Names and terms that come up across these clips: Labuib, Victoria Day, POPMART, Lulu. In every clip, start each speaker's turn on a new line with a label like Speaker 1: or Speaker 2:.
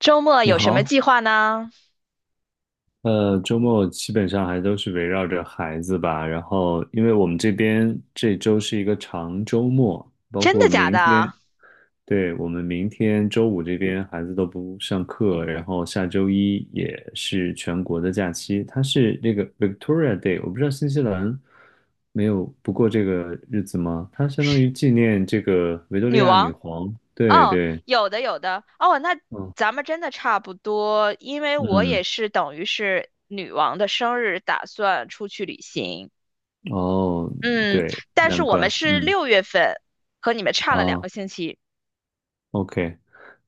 Speaker 1: 周末
Speaker 2: 你
Speaker 1: 有什么
Speaker 2: 好，
Speaker 1: 计划呢？
Speaker 2: 周末基本上还都是围绕着孩子吧。然后，因为我们这边这周是一个长周末，包
Speaker 1: 真的
Speaker 2: 括
Speaker 1: 假
Speaker 2: 明
Speaker 1: 的？
Speaker 2: 天，对，我们明天周五这边孩子都不上课，然后下周一也是全国的假期，它是这个 Victoria Day，我不知道新西兰没有不过这个日子吗？它相当
Speaker 1: 是
Speaker 2: 于纪念这个维多利
Speaker 1: 女
Speaker 2: 亚女
Speaker 1: 王？
Speaker 2: 皇。对
Speaker 1: 哦，
Speaker 2: 对，
Speaker 1: 有的有的。哦，那
Speaker 2: 嗯
Speaker 1: 咱们真的差不多，因为我也
Speaker 2: 嗯，
Speaker 1: 是等于是女王的生日，打算出去旅行。
Speaker 2: 哦，
Speaker 1: 嗯，
Speaker 2: 对，
Speaker 1: 但是
Speaker 2: 难
Speaker 1: 我们
Speaker 2: 怪，
Speaker 1: 是
Speaker 2: 嗯。
Speaker 1: 6月份，和你们差了两
Speaker 2: 啊
Speaker 1: 个星期。
Speaker 2: ，OK，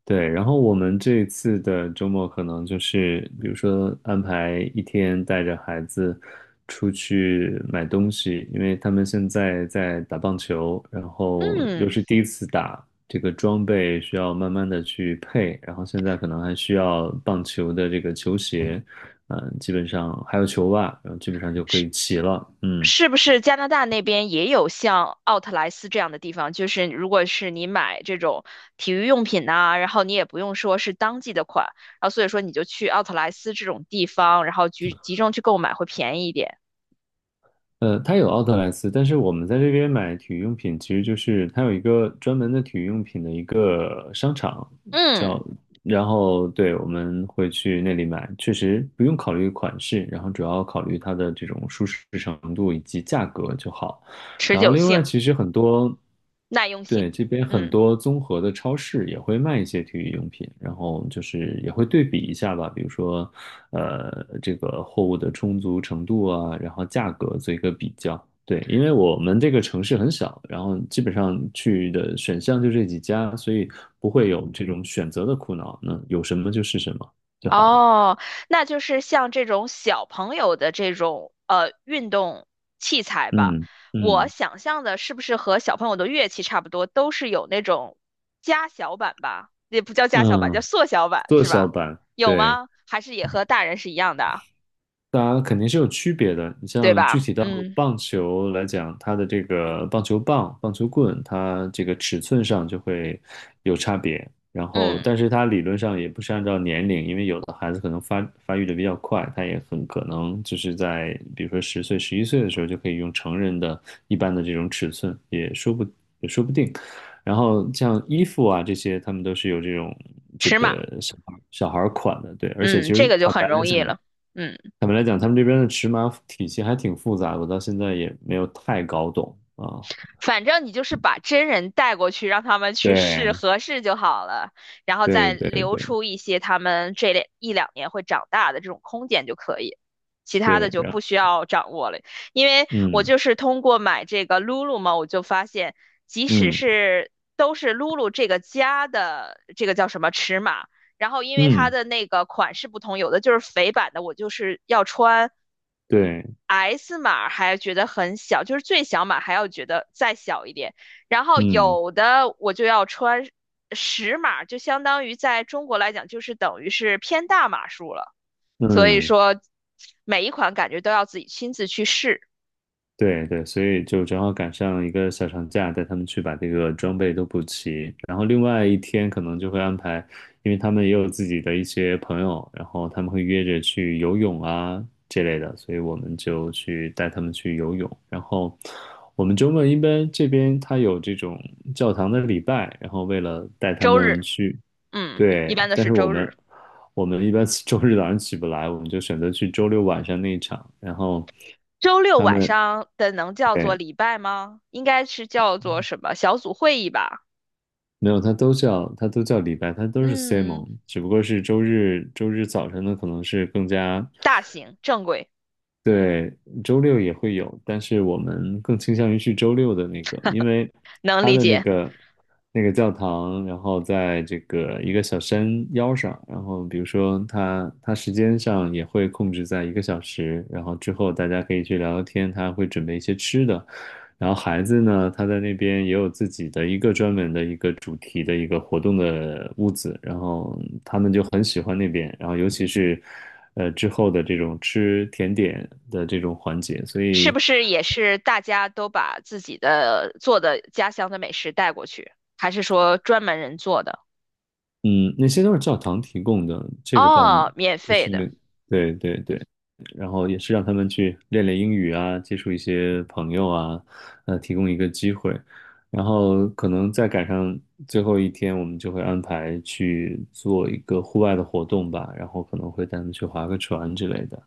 Speaker 2: 对，然后我们这一次的周末可能就是，比如说安排一天带着孩子出去买东西，因为他们现在在打棒球，然后又
Speaker 1: 嗯，
Speaker 2: 是第一次打，这个装备需要慢慢的去配，然后现在可能还需要棒球的这个球鞋，嗯、基本上还有球袜，然后基本上就可以齐了，嗯。
Speaker 1: 是不是加拿大那边也有像奥特莱斯这样的地方？就是如果是你买这种体育用品呐、然后你也不用说是当季的款，然后所以说你就去奥特莱斯这种地方，然后集中去购买会便宜一点。
Speaker 2: 它有奥特莱斯，但是我们在这边买体育用品，其实就是它有一个专门的体育用品的一个商场，
Speaker 1: 嗯，
Speaker 2: 叫，然后对，我们会去那里买，确实不用考虑款式，然后主要考虑它的这种舒适程度以及价格就好。
Speaker 1: 持
Speaker 2: 然后
Speaker 1: 久
Speaker 2: 另
Speaker 1: 性、
Speaker 2: 外，其实很多，
Speaker 1: 耐用性，
Speaker 2: 对，这边很
Speaker 1: 嗯。
Speaker 2: 多综合的超市也会卖一些体育用品，然后就是也会对比一下吧，比如说，这个货物的充足程度啊，然后价格做一个比较。对，因为我们这个城市很小，然后基本上去的选项就这几家，所以不会有这种选择的苦恼。那有什么就是什么就好了。
Speaker 1: 哦，那就是像这种小朋友的这种运动器材吧。
Speaker 2: 嗯
Speaker 1: 我
Speaker 2: 嗯
Speaker 1: 想象的是不是和小朋友的乐器差不多，都是有那种加小版吧？也不叫加小版，叫
Speaker 2: 嗯，
Speaker 1: 缩小版
Speaker 2: 缩
Speaker 1: 是
Speaker 2: 小
Speaker 1: 吧？
Speaker 2: 版，
Speaker 1: 有
Speaker 2: 对。
Speaker 1: 吗？还是也和大人是一样的啊
Speaker 2: 当然肯定是有区别的。你
Speaker 1: 对
Speaker 2: 像具
Speaker 1: 吧？
Speaker 2: 体到
Speaker 1: 嗯
Speaker 2: 棒球来讲，它的这个棒球棒、棒球棍，它这个尺寸上就会有差别。然后，
Speaker 1: 嗯，
Speaker 2: 但是它理论上也不是按照年龄，因为有的孩子可能发育的比较快，他也很可能就是在比如说十岁、十一岁的时候就可以用成人的一般的这种尺寸，也说不定。然后像衣服啊这些，他们都是有这种这
Speaker 1: 尺码，
Speaker 2: 个小孩儿款的，对。而且其
Speaker 1: 嗯，这
Speaker 2: 实
Speaker 1: 个就很容易了。嗯。
Speaker 2: 坦白来讲，他们这边的尺码体系还挺复杂的，我到现在也没有太搞懂啊。
Speaker 1: 反正你就是把真人带过去，让他们去试
Speaker 2: 对
Speaker 1: 合适就好了，然后再
Speaker 2: 对对
Speaker 1: 留
Speaker 2: 对
Speaker 1: 出一些他们这一两年会长大的这种空间就可以，其他的
Speaker 2: 对，
Speaker 1: 就
Speaker 2: 然
Speaker 1: 不
Speaker 2: 后
Speaker 1: 需要掌握了。因为我
Speaker 2: 嗯
Speaker 1: 就是通过买这个 Lulu 嘛，我就发现，即使
Speaker 2: 嗯
Speaker 1: 是都是 Lulu 这个家的这个叫什么尺码，然后因为它
Speaker 2: 嗯，
Speaker 1: 的那个款式不同，有的就是肥版的，我就是要穿
Speaker 2: 对，
Speaker 1: S 码还觉得很小，就是最小码还要觉得再小一点。然后
Speaker 2: 嗯
Speaker 1: 有的我就要穿10码，就相当于在中国来讲，就是等于是偏大码数了。所以
Speaker 2: 嗯。
Speaker 1: 说，每一款感觉都要自己亲自去试。
Speaker 2: 对对，所以就正好赶上一个小长假，带他们去把这个装备都补齐。然后另外一天可能就会安排，因为他们也有自己的一些朋友，然后他们会约着去游泳啊这类的，所以我们就去带他们去游泳。然后我们周末一般这边他有这种教堂的礼拜，然后为了带他
Speaker 1: 周日，
Speaker 2: 们去，
Speaker 1: 嗯，一
Speaker 2: 对，
Speaker 1: 般的
Speaker 2: 但
Speaker 1: 是
Speaker 2: 是我
Speaker 1: 周日。
Speaker 2: 们我们一般 周日早上起不来，我们就选择去周六晚上那一场，然后。
Speaker 1: 周六
Speaker 2: 他
Speaker 1: 晚
Speaker 2: 们
Speaker 1: 上的能叫做
Speaker 2: 对，
Speaker 1: 礼拜吗？应该是叫做什么小组会议吧？
Speaker 2: 没有，他都叫李白，他都是
Speaker 1: 嗯，
Speaker 2: Simon，只不过是周日早晨的可能是更加。
Speaker 1: 大型正规，
Speaker 2: 对，周六也会有，但是我们更倾向于去周六的那个，因为
Speaker 1: 能
Speaker 2: 它
Speaker 1: 理
Speaker 2: 的那
Speaker 1: 解。
Speaker 2: 个那个教堂，然后在这个一个小山腰上，然后比如说它时间上也会控制在一个小时，然后之后大家可以去聊聊天，他会准备一些吃的，然后孩子呢，他在那边也有自己的一个专门的一个主题的一个活动的屋子，然后他们就很喜欢那边，然后尤其是。之后的这种吃甜点的这种环节，所
Speaker 1: 是
Speaker 2: 以
Speaker 1: 不是也是大家都把自己的做的家乡的美食带过去，还是说专门人做的？
Speaker 2: 嗯，那些都是教堂提供的，这个倒
Speaker 1: 哦，免
Speaker 2: 不
Speaker 1: 费
Speaker 2: 是，
Speaker 1: 的，
Speaker 2: 那，对对对，然后也是让他们去练练英语啊，接触一些朋友啊，提供一个机会，然后可能再赶上最后一天，我们就会安排去做一个户外的活动吧，然后可能会带他们去划个船之类的，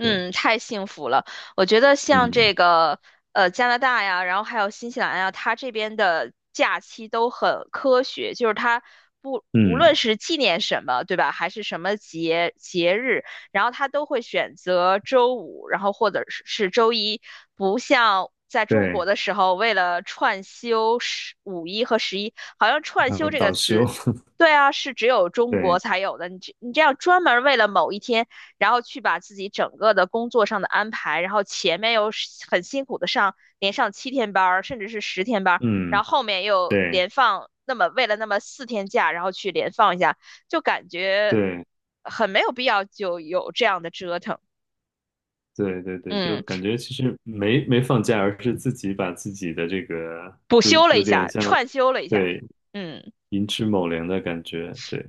Speaker 2: 对，
Speaker 1: 太幸福了。我觉得像这
Speaker 2: 嗯
Speaker 1: 个加拿大呀，然后还有新西兰呀，它这边的假期都很科学，就是它不无论
Speaker 2: 嗯，
Speaker 1: 是纪念什么，对吧，还是什么节日，然后它都会选择周五，然后或者是周一，不像。在中国
Speaker 2: 对，
Speaker 1: 的时候，为了串休五一和十一，好像"串
Speaker 2: 然
Speaker 1: 休"
Speaker 2: 后
Speaker 1: 这个
Speaker 2: 导修，
Speaker 1: 词对啊，是只有 中国
Speaker 2: 对，
Speaker 1: 才有的。你这样专门为了某一天，然后去把自己整个的工作上的安排，然后前面又很辛苦的上，连上7天班儿，甚至是10天班儿，
Speaker 2: 嗯。
Speaker 1: 然后后面又
Speaker 2: 对，
Speaker 1: 连放那么为了那么4天假，然后去连放一下，就感觉
Speaker 2: 对
Speaker 1: 很没有必要，就有这样的折腾。
Speaker 2: 对对对，就
Speaker 1: 嗯，
Speaker 2: 感觉其实没放假，而是自己把自己的这个，
Speaker 1: 补
Speaker 2: 就
Speaker 1: 休了
Speaker 2: 有
Speaker 1: 一
Speaker 2: 点
Speaker 1: 下，
Speaker 2: 像，
Speaker 1: 串休了一下，
Speaker 2: 对，
Speaker 1: 嗯。
Speaker 2: 寅吃卯粮的感觉。对，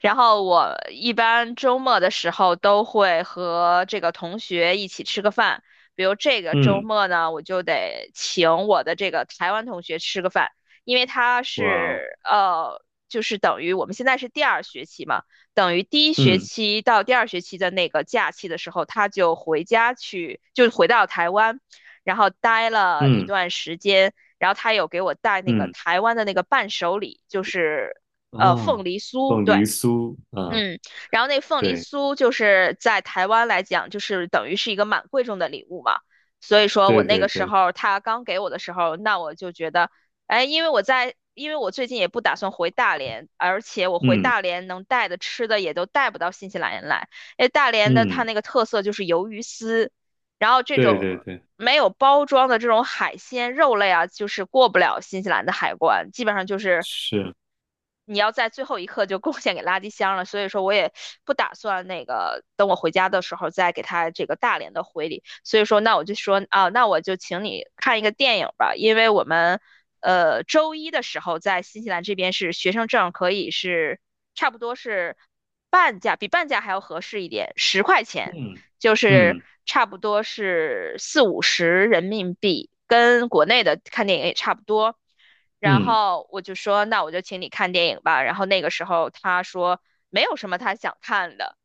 Speaker 1: 然后我一般周末的时候都会和这个同学一起吃个饭，比如这个周
Speaker 2: 嗯，
Speaker 1: 末呢，我就得请我的这个台湾同学吃个饭，因为他
Speaker 2: 哇哦，
Speaker 1: 是，就是等于我们现在是第二学期嘛，等于第一学
Speaker 2: 嗯
Speaker 1: 期到第二学期的那个假期的时候，他就回家去，就回到台湾，然后待了一
Speaker 2: 嗯
Speaker 1: 段时间，然后他有给我带那个
Speaker 2: 嗯
Speaker 1: 台湾的那个伴手礼，就是。凤
Speaker 2: 啊，
Speaker 1: 梨酥，
Speaker 2: 凤
Speaker 1: 对，
Speaker 2: 梨酥啊，
Speaker 1: 嗯，然后那凤梨
Speaker 2: 对
Speaker 1: 酥就是在台湾来讲，就是等于是一个蛮贵重的礼物嘛。所以说我
Speaker 2: 对
Speaker 1: 那个
Speaker 2: 对
Speaker 1: 时
Speaker 2: 对，
Speaker 1: 候他刚给我的时候，那我就觉得，哎，因为我最近也不打算回大连，而且我回
Speaker 2: 嗯
Speaker 1: 大连能带的吃的也都带不到新西兰来。哎，大连的它
Speaker 2: 嗯，
Speaker 1: 那个特色就是鱿鱼丝，然后这
Speaker 2: 对
Speaker 1: 种
Speaker 2: 对对，
Speaker 1: 没有包装的这种海鲜肉类啊，就是过不了新西兰的海关，基本上就是
Speaker 2: 是，
Speaker 1: 你要在最后一刻就贡献给垃圾箱了，所以说我也不打算那个等我回家的时候再给他这个大连的回礼，所以说那我就说啊，那我就请你看一个电影吧，因为我们周一的时候在新西兰这边是学生证可以是差不多是半价，比半价还要合适一点，10块钱，
Speaker 2: 嗯
Speaker 1: 就是
Speaker 2: 嗯
Speaker 1: 差不多是四五十人民币，跟国内的看电影也差不多。然
Speaker 2: 嗯
Speaker 1: 后我就说，那我就请你看电影吧。然后那个时候他说没有什么他想看的，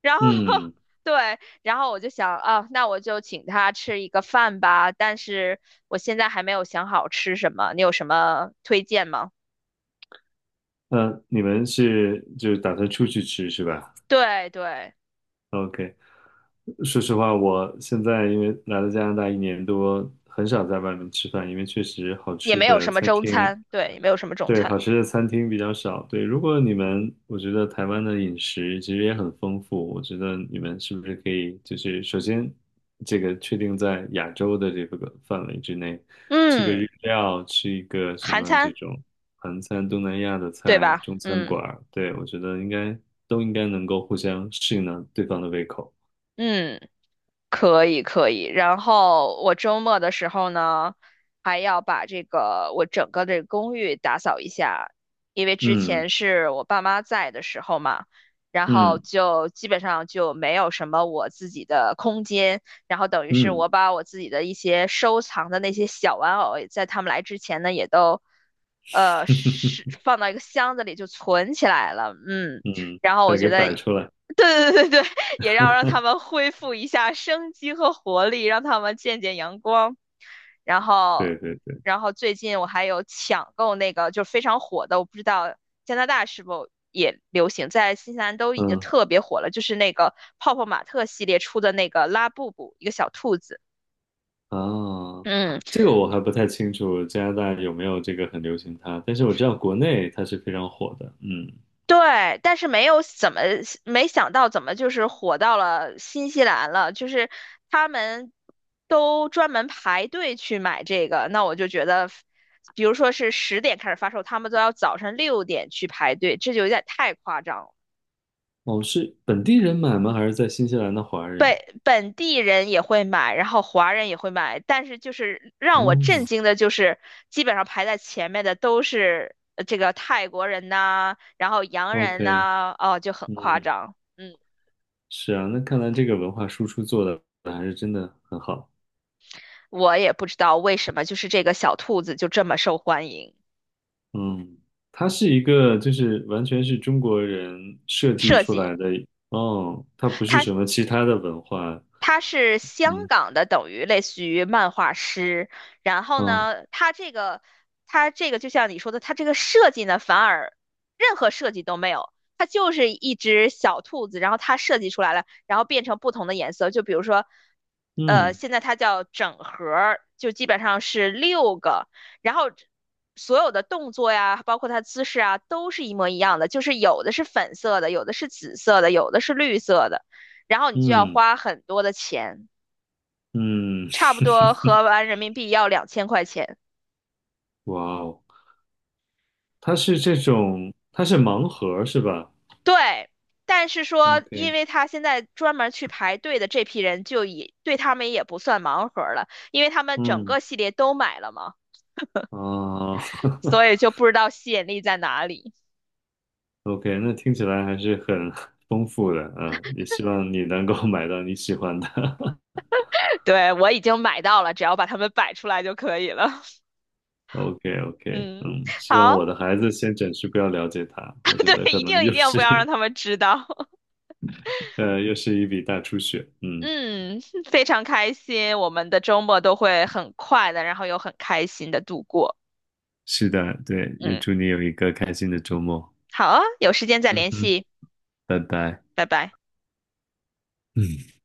Speaker 1: 然后
Speaker 2: 嗯，
Speaker 1: 对，然后我就想啊，那我就请他吃一个饭吧。但是我现在还没有想好吃什么，你有什么推荐吗？
Speaker 2: 那你们是就是打算出去吃是吧
Speaker 1: 对对，
Speaker 2: ？OK，说实话，我现在因为来了加拿大一年多，很少在外面吃饭，因为确实好
Speaker 1: 也
Speaker 2: 吃
Speaker 1: 没有
Speaker 2: 的
Speaker 1: 什么
Speaker 2: 餐
Speaker 1: 中
Speaker 2: 厅，
Speaker 1: 餐，对，也没有什么中
Speaker 2: 对，
Speaker 1: 餐，
Speaker 2: 好吃的餐厅比较少。对，如果你们，我觉得台湾的饮食其实也很丰富，我觉得你们是不是可以，就是首先这个确定在亚洲的这个范围之内，吃个
Speaker 1: 嗯，
Speaker 2: 日料，吃一个什
Speaker 1: 韩
Speaker 2: 么这
Speaker 1: 餐，
Speaker 2: 种韩餐、东南亚的
Speaker 1: 对
Speaker 2: 菜、
Speaker 1: 吧？
Speaker 2: 中餐
Speaker 1: 嗯
Speaker 2: 馆儿，对，我觉得应该都应该能够互相适应到对方的胃口。
Speaker 1: 嗯。可以可以，然后我周末的时候呢，还要把这个我整个的公寓打扫一下，因为之
Speaker 2: 嗯。
Speaker 1: 前是我爸妈在的时候嘛，然后
Speaker 2: 嗯
Speaker 1: 就基本上就没有什么我自己的空间，然后等于是
Speaker 2: 嗯
Speaker 1: 我把我自己的一些收藏的那些小玩偶，在他们来之前呢，也都是 放到一个箱子里就存起来了，嗯。
Speaker 2: 嗯，
Speaker 1: 然后我
Speaker 2: 再
Speaker 1: 觉
Speaker 2: 给
Speaker 1: 得
Speaker 2: 摆出来。
Speaker 1: 对对对对，也要让他 们恢复一下生机和活力，让他们见见阳光。然后，
Speaker 2: 对对对，
Speaker 1: 最近我还有抢购那个就是非常火的，我不知道加拿大是否也流行，在新西兰都已经
Speaker 2: 嗯
Speaker 1: 特别火了，就是那个泡泡玛特系列出的那个拉布布，一个小兔子。
Speaker 2: 啊，
Speaker 1: 嗯。
Speaker 2: 这个我还不太清楚加拿大有没有这个很流行它，但是我知道国内它是非常火的。嗯，
Speaker 1: 对，但是没想到怎么就是火到了新西兰了，就是他们都专门排队去买这个，那我就觉得，比如说是10点开始发售，他们都要早上6点去排队，这就有点太夸张了。
Speaker 2: 哦，是本地人买吗？还是在新西兰的华人？
Speaker 1: 本本地人也会买，然后华人也会买，但是就是让我震
Speaker 2: 哦
Speaker 1: 惊的就是，基本上排在前面的都是这个泰国人呐、然后洋人
Speaker 2: ，OK，
Speaker 1: 呐、哦，就很夸
Speaker 2: 嗯，
Speaker 1: 张。嗯。
Speaker 2: 是啊，那看来这个文化输出做的还是真的很好。
Speaker 1: 我也不知道为什么，就是这个小兔子就这么受欢迎。
Speaker 2: 嗯，它是一个就是完全是中国人设计
Speaker 1: 设
Speaker 2: 出
Speaker 1: 计，
Speaker 2: 来的，哦，它不是
Speaker 1: 它
Speaker 2: 什么其他的文化
Speaker 1: 他是香港的，等于类似于漫画师。然后
Speaker 2: 啊，
Speaker 1: 呢，他这个就像你说的，他这个设计呢，反而任何设计都没有，它就是一只小兔子，然后它设计出来了，然后变成不同的颜色。就比如说，
Speaker 2: 嗯
Speaker 1: 现在它叫整盒儿，就基本上是6个，然后。所有的动作呀，包括它姿势啊，都是一模一样的，就是有的是粉色的，有的是紫色的，有的是绿色的。然后你就要
Speaker 2: 嗯
Speaker 1: 花很多的钱，
Speaker 2: 嗯，
Speaker 1: 差不多 合完人民币要2000块钱。
Speaker 2: 哇哦，它是这种，它是盲盒是吧
Speaker 1: 对，但是说，因
Speaker 2: ？OK，
Speaker 1: 为他现在专门去排队的这批人，就也对他们也不算盲盒了，因为他们整
Speaker 2: 嗯
Speaker 1: 个系列都买了嘛，
Speaker 2: 啊
Speaker 1: 所以就不知道吸引力在哪里。
Speaker 2: ，OK，那听起来还是很丰富的，嗯，也希望你能够 买到你喜欢的。
Speaker 1: 对，我已经买到了，只要把它们摆出来就可以了。
Speaker 2: o k o k
Speaker 1: 嗯，
Speaker 2: 嗯，希望
Speaker 1: 好，
Speaker 2: 我的孩子先暂时不要了解它，我 觉得
Speaker 1: 对，
Speaker 2: 可
Speaker 1: 一
Speaker 2: 能
Speaker 1: 定一
Speaker 2: 又
Speaker 1: 定
Speaker 2: 是
Speaker 1: 不要让他 们知道。
Speaker 2: 又是一笔大出血。嗯，
Speaker 1: 嗯，非常开心，我们的周末都会很快的，然后又很开心的度过。
Speaker 2: 是的，对，也
Speaker 1: 嗯，
Speaker 2: 祝你有一个开心的周末。
Speaker 1: 好啊，有时间再
Speaker 2: 嗯
Speaker 1: 联
Speaker 2: 哼，
Speaker 1: 系，
Speaker 2: 拜拜。
Speaker 1: 拜拜。
Speaker 2: 嗯。